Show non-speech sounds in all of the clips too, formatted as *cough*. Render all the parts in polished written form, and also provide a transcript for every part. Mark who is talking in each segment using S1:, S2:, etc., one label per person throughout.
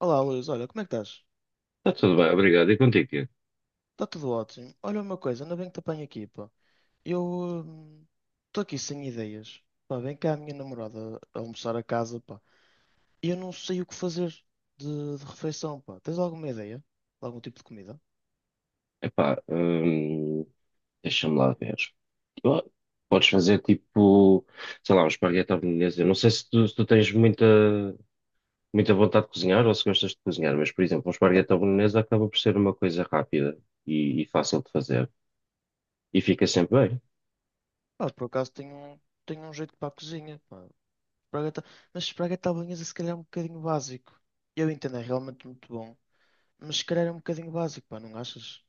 S1: Olá, Luís, olha, como é que estás?
S2: Está tudo bem, obrigado. E contigo, Tiago?
S1: Está tudo ótimo. Olha uma coisa, ainda bem que te apanho aqui, pá. Eu estou aqui sem ideias. Pá, vem cá a minha namorada a almoçar a casa, pá. E eu não sei o que fazer de refeição, pá. Tens alguma ideia? De algum tipo de comida?
S2: Epá, deixa-me lá ver. Ah, podes fazer tipo, sei lá, um esparguete à bolonhesa. Eu não sei se tu tens muita, muita vontade de cozinhar ou se gostas de cozinhar, mas, por exemplo, um
S1: Pá,
S2: esparguete à bolonhesa acaba por ser uma coisa rápida e fácil de fazer. E fica sempre bem.
S1: pá, por acaso tenho, tenho um jeito para a cozinha, pá. Espargata- mas espargueta à bolonhesa se calhar é um bocadinho básico. Eu entendo, é realmente muito bom. Mas se calhar é um bocadinho básico, pá, não achas?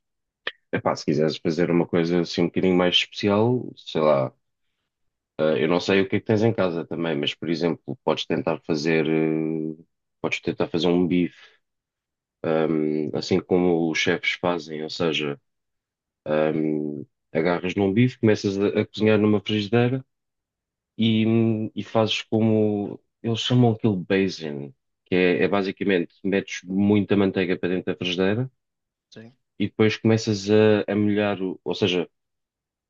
S2: Epá, se quiseres fazer uma coisa assim um bocadinho mais especial, sei lá, ah, eu não sei o que é que tens em casa também, mas, por exemplo, podes tentar fazer, um bife assim como os chefes fazem, ou seja, um, agarras num bife, começas a cozinhar numa frigideira e, e fazes como eles chamam aquilo basin, que é basicamente metes muita manteiga para dentro da frigideira
S1: Sim.
S2: e depois começas a molhar, ou seja,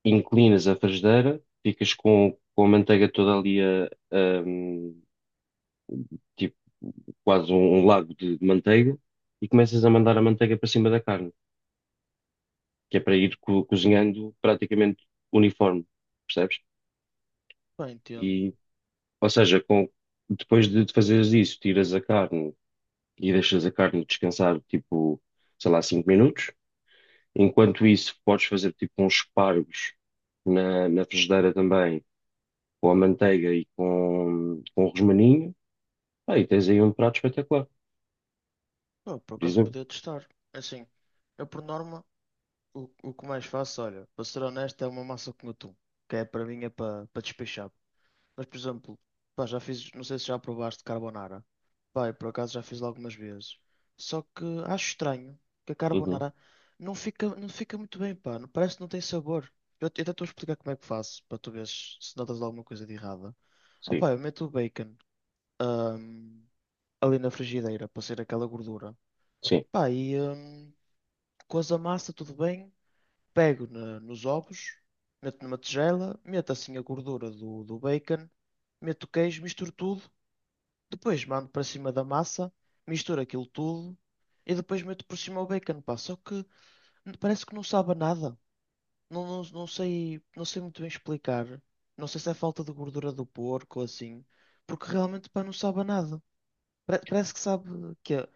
S2: inclinas a frigideira, ficas com a manteiga toda ali tipo quase um lago de manteiga. E começas a mandar a manteiga para cima da carne, que é para ir cozinhando praticamente uniforme, percebes?
S1: Pá, entendo.
S2: E, ou seja, depois de fazeres isso, tiras a carne e deixas a carne descansar, tipo, sei lá, 5 minutos. Enquanto isso, podes fazer tipo uns espargos na frigideira também, com a manteiga e com o rosmaninho. Ah, e tens aí um prato espetacular,
S1: Pá, por
S2: por
S1: acaso
S2: exemplo.
S1: podia testar. É assim, eu por norma, o que mais faço, olha, para ser honesto, é uma massa com atum, que é para mim é para para despechar. Mas, por exemplo, pá, já fiz, não sei se já provaste carbonara. Pá, eu por acaso já fiz lá algumas vezes. Só que acho estranho que a
S2: Uhum,
S1: carbonara não fica muito bem, pá, parece que não tem sabor. Eu até estou a explicar como é que faço, para tu veres se notas alguma coisa de errada. Ah,
S2: sim,
S1: pá, eu meto o bacon, ahm, ali na frigideira, para ser aquela gordura.
S2: sim.
S1: Pá, cozo a massa, tudo bem. Pego nos ovos, meto numa tigela, meto assim a gordura do bacon, meto o queijo, misturo tudo. Depois mando para cima da massa, misturo aquilo tudo e depois meto por cima o bacon, pá. Só que parece que não sabe a nada. Não sei, não sei muito bem explicar. Não sei se é falta de gordura do porco ou assim, porque realmente, pá, não sabe a nada. Parece que sabe que é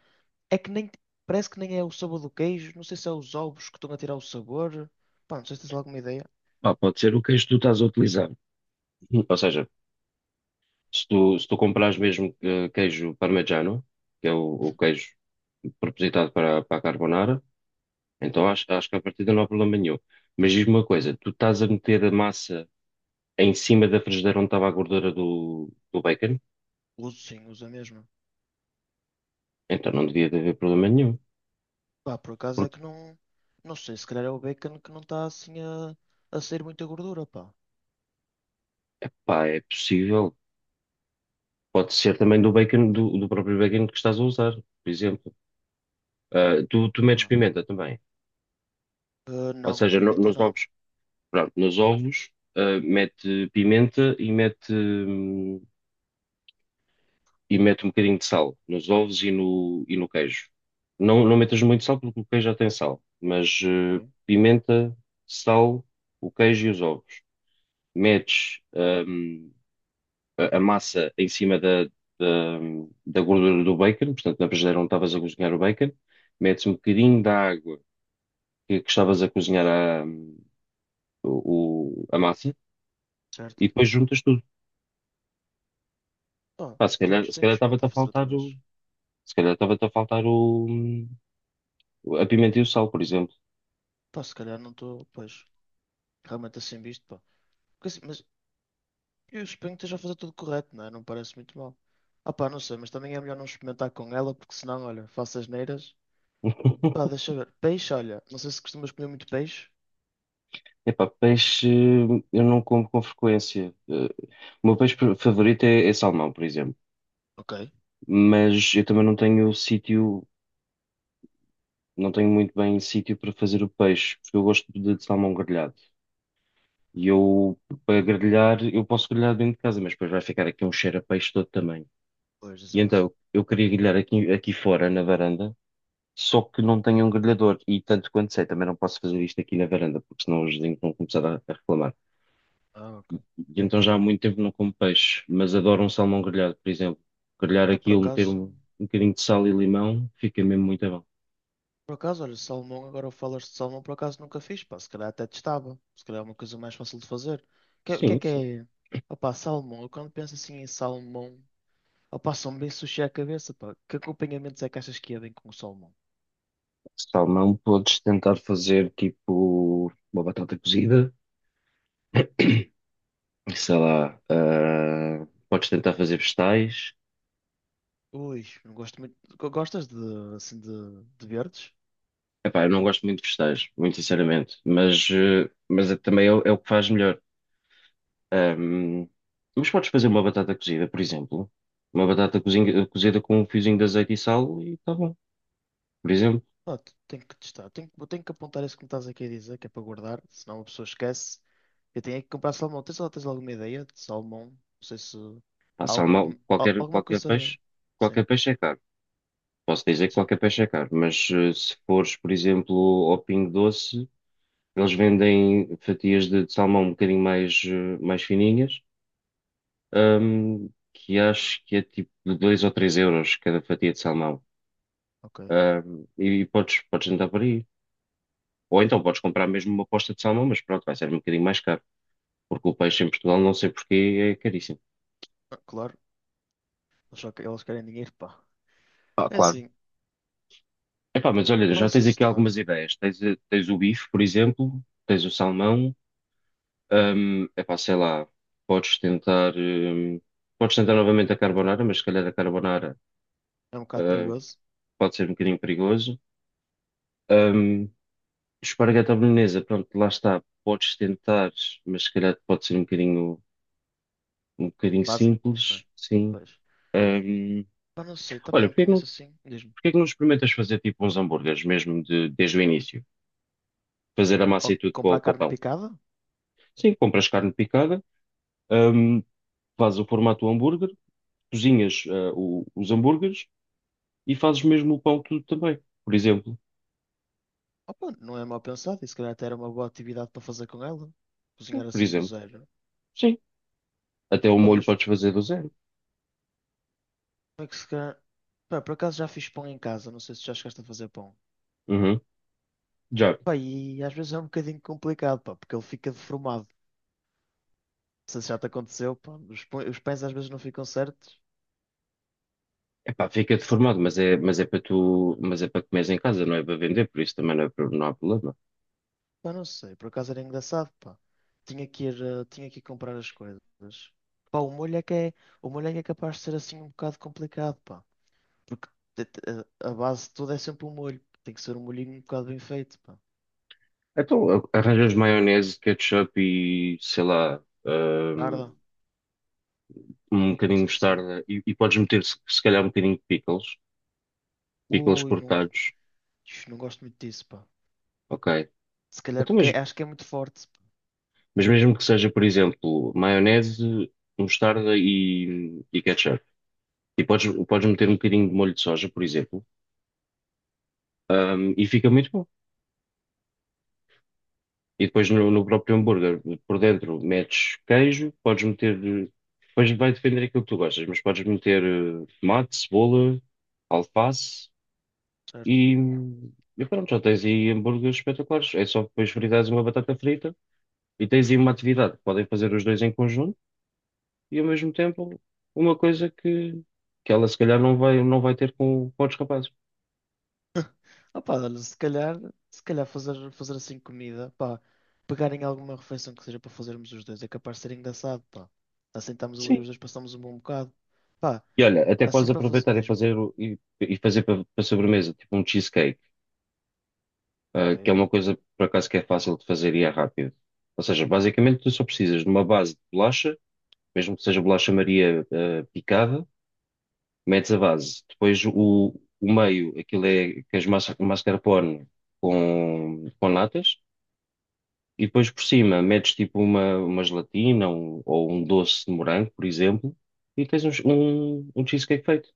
S1: é que nem. Parece que nem é o sabor do queijo. Não sei se é os ovos que estão a tirar o sabor. Pá, não sei se tens alguma ideia.
S2: Ah, pode ser o queijo que tu estás a utilizar. Ou seja, se tu comprares mesmo queijo parmegiano, que é o
S1: Hum?
S2: queijo propositado para a carbonara, então acho que a partida não há problema nenhum. Mas diz-me uma coisa, tu estás a meter a massa em cima da frigideira onde estava a gordura do bacon?
S1: Uso sim, uso a mesma.
S2: Então não devia de haver problema nenhum.
S1: Pá, por acaso é
S2: Porque,
S1: que não. Não sei, se calhar é o bacon que não está assim a sair muita gordura, pá.
S2: pá, é possível. Pode ser também do bacon, do próprio bacon que estás a usar, por exemplo. Ah, tu metes
S1: Pá,
S2: pimenta também.
S1: ah,
S2: Ou
S1: não,
S2: seja,
S1: pimenta
S2: nos
S1: não.
S2: ovos, pronto, nos ovos, ah, mete pimenta e mete um bocadinho de sal nos ovos e no queijo. Não, não metas muito sal porque o queijo já tem sal, mas
S1: Sim.
S2: pimenta, sal, o queijo e os ovos. Metes a massa em cima da, da gordura do bacon, portanto, na frigideira onde estavas a cozinhar o bacon, metes um bocadinho da água que estavas a cozinhar a massa e
S1: Certo?
S2: depois juntas tudo.
S1: Pá,
S2: Pá, se calhar, se
S1: tenho
S2: calhar
S1: que
S2: estava-te
S1: experimentar
S2: a
S1: fazer outra
S2: faltar o,
S1: vez.
S2: se calhar estava-te a faltar o, hum, a pimenta e o sal, por exemplo.
S1: Pá, se calhar não estou, pois, realmente assim visto, pá. Porque assim, mas eu suponho que esteja a fazer tudo correto, não é? Não me parece muito mal. Ah pá, não sei, mas também é melhor não experimentar com ela, porque senão, olha, faço asneiras. Pá,
S2: *laughs*
S1: deixa eu ver. Peixe, olha, não sei se costumas comer muito peixe.
S2: Epá, peixe eu não como com frequência. O meu peixe favorito é salmão, por exemplo.
S1: Ok,
S2: Mas eu também não tenho sítio, não tenho muito bem sítio para fazer o peixe, porque eu gosto de salmão grelhado. E eu, para grelhar, eu posso grelhar dentro de casa, mas depois vai ficar aqui um cheiro a peixe todo também.
S1: pois,
S2: E
S1: exato.
S2: então, eu queria grelhar aqui fora, na varanda. Só que não tenho um grelhador e tanto quanto sei, também não posso fazer isto aqui na varanda, porque senão os vizinhos vão começar a reclamar.
S1: Ah, ok.
S2: E então já há muito tempo não como peixe, mas adoro um salmão grelhado, por exemplo. Grelhar
S1: Pá, por
S2: aquilo, meter
S1: acaso,
S2: um bocadinho de sal e limão, fica mesmo muito bom.
S1: por acaso, olha, salmão, agora falas de salmão, por acaso nunca fiz, pá, se calhar até testava. Se calhar é uma coisa mais fácil de fazer. Que é
S2: Sim,
S1: que
S2: sim.
S1: é? Opá, salmão, eu quando penso assim em salmão, opá, são bem sushi à cabeça, pá. Que acompanhamentos é que achas que é bem com o salmão?
S2: Salmão podes tentar fazer tipo uma batata cozida, sei lá, ah, podes tentar fazer vegetais.
S1: Ui, não gosto muito. Gostas assim, de, de verdes?
S2: Epá, eu não gosto muito de vegetais, muito sinceramente, mas também é, o é o que faz melhor. Ahm, mas podes fazer uma batata cozida, por exemplo. Uma batata cozida com um fiozinho de azeite e sal e está bom. Por exemplo,
S1: Não, tenho que testar. Tenho que apontar isso que me estás aqui a dizer, que é para guardar, senão a pessoa esquece. Eu tenho é que comprar salmão. Tens alguma ideia de salmão? Não sei se
S2: pá,
S1: há algum
S2: salmão,
S1: nome.
S2: qualquer,
S1: Alguma
S2: qualquer
S1: coisa.
S2: peixe,
S1: Sim,
S2: qualquer peixe é caro. Posso dizer que
S1: sim.
S2: qualquer peixe é caro, mas se fores, por exemplo, ao Pingo Doce, eles vendem fatias de salmão um bocadinho mais fininhas, que acho que é tipo de 2 ou 3 euros cada fatia de salmão.
S1: Ok.
S2: E, podes andar por aí. Ou então podes comprar mesmo uma posta de salmão, mas pronto, vai ser um bocadinho mais caro, porque o peixe em Portugal, não sei porquê, é caríssimo.
S1: Ah, claro. Eles eles querem dinheiro, pá.
S2: Ah,
S1: É
S2: claro.
S1: assim,
S2: Epá, mas olha, já
S1: posso
S2: tens aqui
S1: testar.
S2: algumas ideias. Tens o bife, por exemplo, tens o salmão, epá, sei lá, podes tentar, hum, podes tentar novamente a carbonara, mas se calhar a carbonara,
S1: É um bocado
S2: eh,
S1: perigoso.
S2: pode ser um bocadinho perigoso. Hum, Esparguete à bolonhesa, pronto, lá está, podes tentar, mas se calhar pode ser um bocadinho
S1: Básico, né?
S2: simples, sim.
S1: Pois.
S2: Hum,
S1: Mas não sei, também
S2: Olha,
S1: não
S2: porque
S1: conheço
S2: Porquê
S1: assim. Diz-me.
S2: que não experimentas fazer tipo uns hambúrgueres mesmo desde o início? Fazer a massa
S1: Ou
S2: e tudo para o,
S1: comprar
S2: para o
S1: carne
S2: pão.
S1: picada?
S2: Sim, compras carne picada, hum, fazes o formato do hambúrguer, cozinhas, ah, os hambúrgueres e fazes mesmo o pão tudo também, por exemplo.
S1: Opa, não é mal pensado. E se calhar até era uma boa atividade para fazer com ela. Cozinhar
S2: Por
S1: assim do
S2: exemplo,
S1: zero.
S2: sim. Até o
S1: Pá,
S2: molho
S1: mas
S2: podes fazer do zero.
S1: é que se calhar... Pá, por acaso já fiz pão em casa, não sei se já chegaste a fazer pão.
S2: Uhum. Já.
S1: Pá, e às vezes é um bocadinho complicado, pá, porque ele fica deformado. Não sei se já te aconteceu, pá, os pães às vezes não ficam certos.
S2: Epá, fica
S1: Não sei.
S2: deformado, mas é para tu, mas é para comeres em casa, não é para vender, por isso também não, não há problema.
S1: Pá, não sei, por acaso era engraçado, pá. Tinha que ir, tinha que ir comprar as coisas. Pá, o molho é que é capaz de ser assim um bocado complicado, pá. Porque te- te- a base de tudo é sempre o molho. Tem que ser um molhinho um bocado bem feito, pá.
S2: Então, arranjas maionese, ketchup e, sei lá,
S1: Tarda, não
S2: um bocadinho de
S1: sei se...
S2: mostarda e podes meter se calhar um bocadinho de pickles, pickles
S1: Ui, não,
S2: cortados,
S1: não gosto muito disso, pá.
S2: ok.
S1: Se calhar,
S2: Então,
S1: porque
S2: mas,
S1: é, acho que é muito forte.
S2: mas mesmo que seja, por exemplo, maionese, mostarda e ketchup. E podes meter um bocadinho de molho de soja, por exemplo, e fica muito bom. E
S1: Pá,
S2: depois no próprio hambúrguer, por dentro, metes queijo, podes meter. Depois vai depender daquilo que tu gostas, mas podes meter tomate, cebola, alface.
S1: certo.
S2: E, e pronto, já tens aí hambúrgueres espetaculares. É só depois fritares uma batata frita e tens aí uma atividade. Podem fazer os dois em conjunto e ao mesmo tempo uma coisa que ela se calhar não vai ter com outros rapazes.
S1: Opa, olha, se calhar, fazer assim comida, pá, pegarem alguma refeição que seja para fazermos os dois, é capaz de ser engraçado, pá. Assim estamos ali
S2: Sim.
S1: os dois, passamos um bom bocado. Pá,
S2: E olha, até
S1: assim
S2: podes
S1: para fazer.
S2: aproveitar e
S1: Diz-me,
S2: fazer para sobremesa, tipo um cheesecake, ah, que é
S1: ok.
S2: uma coisa por acaso que é fácil de fazer e é rápido. Ou seja, basicamente tu só precisas de uma base de bolacha, mesmo que seja bolacha Maria, ah, picada, metes a base, depois o meio, aquilo é que és mascarpone com natas, e depois por cima metes tipo uma gelatina ou um doce de morango, por exemplo, e tens um cheesecake feito.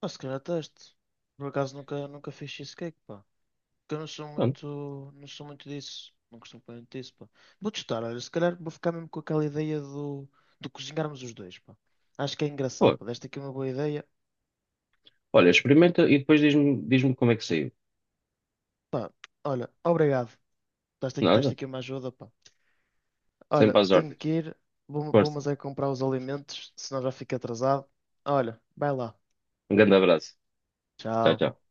S1: Pá, se calhar teste. Por acaso nunca fiz cheesecake, pá. Porque eu
S2: Pronto.
S1: não sou muito disso. Não costumo comer muito disso, pá. Vou testar, olha, se calhar vou ficar mesmo com aquela ideia do, de cozinharmos os dois, pá. Acho que é engraçado,
S2: Pô,
S1: pá. Deste aqui uma boa ideia.
S2: olha, experimenta e depois diz-me como é que saiu.
S1: Pá, olha, obrigado. Estás
S2: Nada,
S1: aqui uma ajuda, pá. Olha,
S2: sempre às
S1: tenho
S2: ordens.
S1: que ir. Vou
S2: Força,
S1: mas é comprar os alimentos, senão já fico atrasado. Olha, vai lá.
S2: um grande abraço. Tchau,
S1: Tchau.
S2: tchau.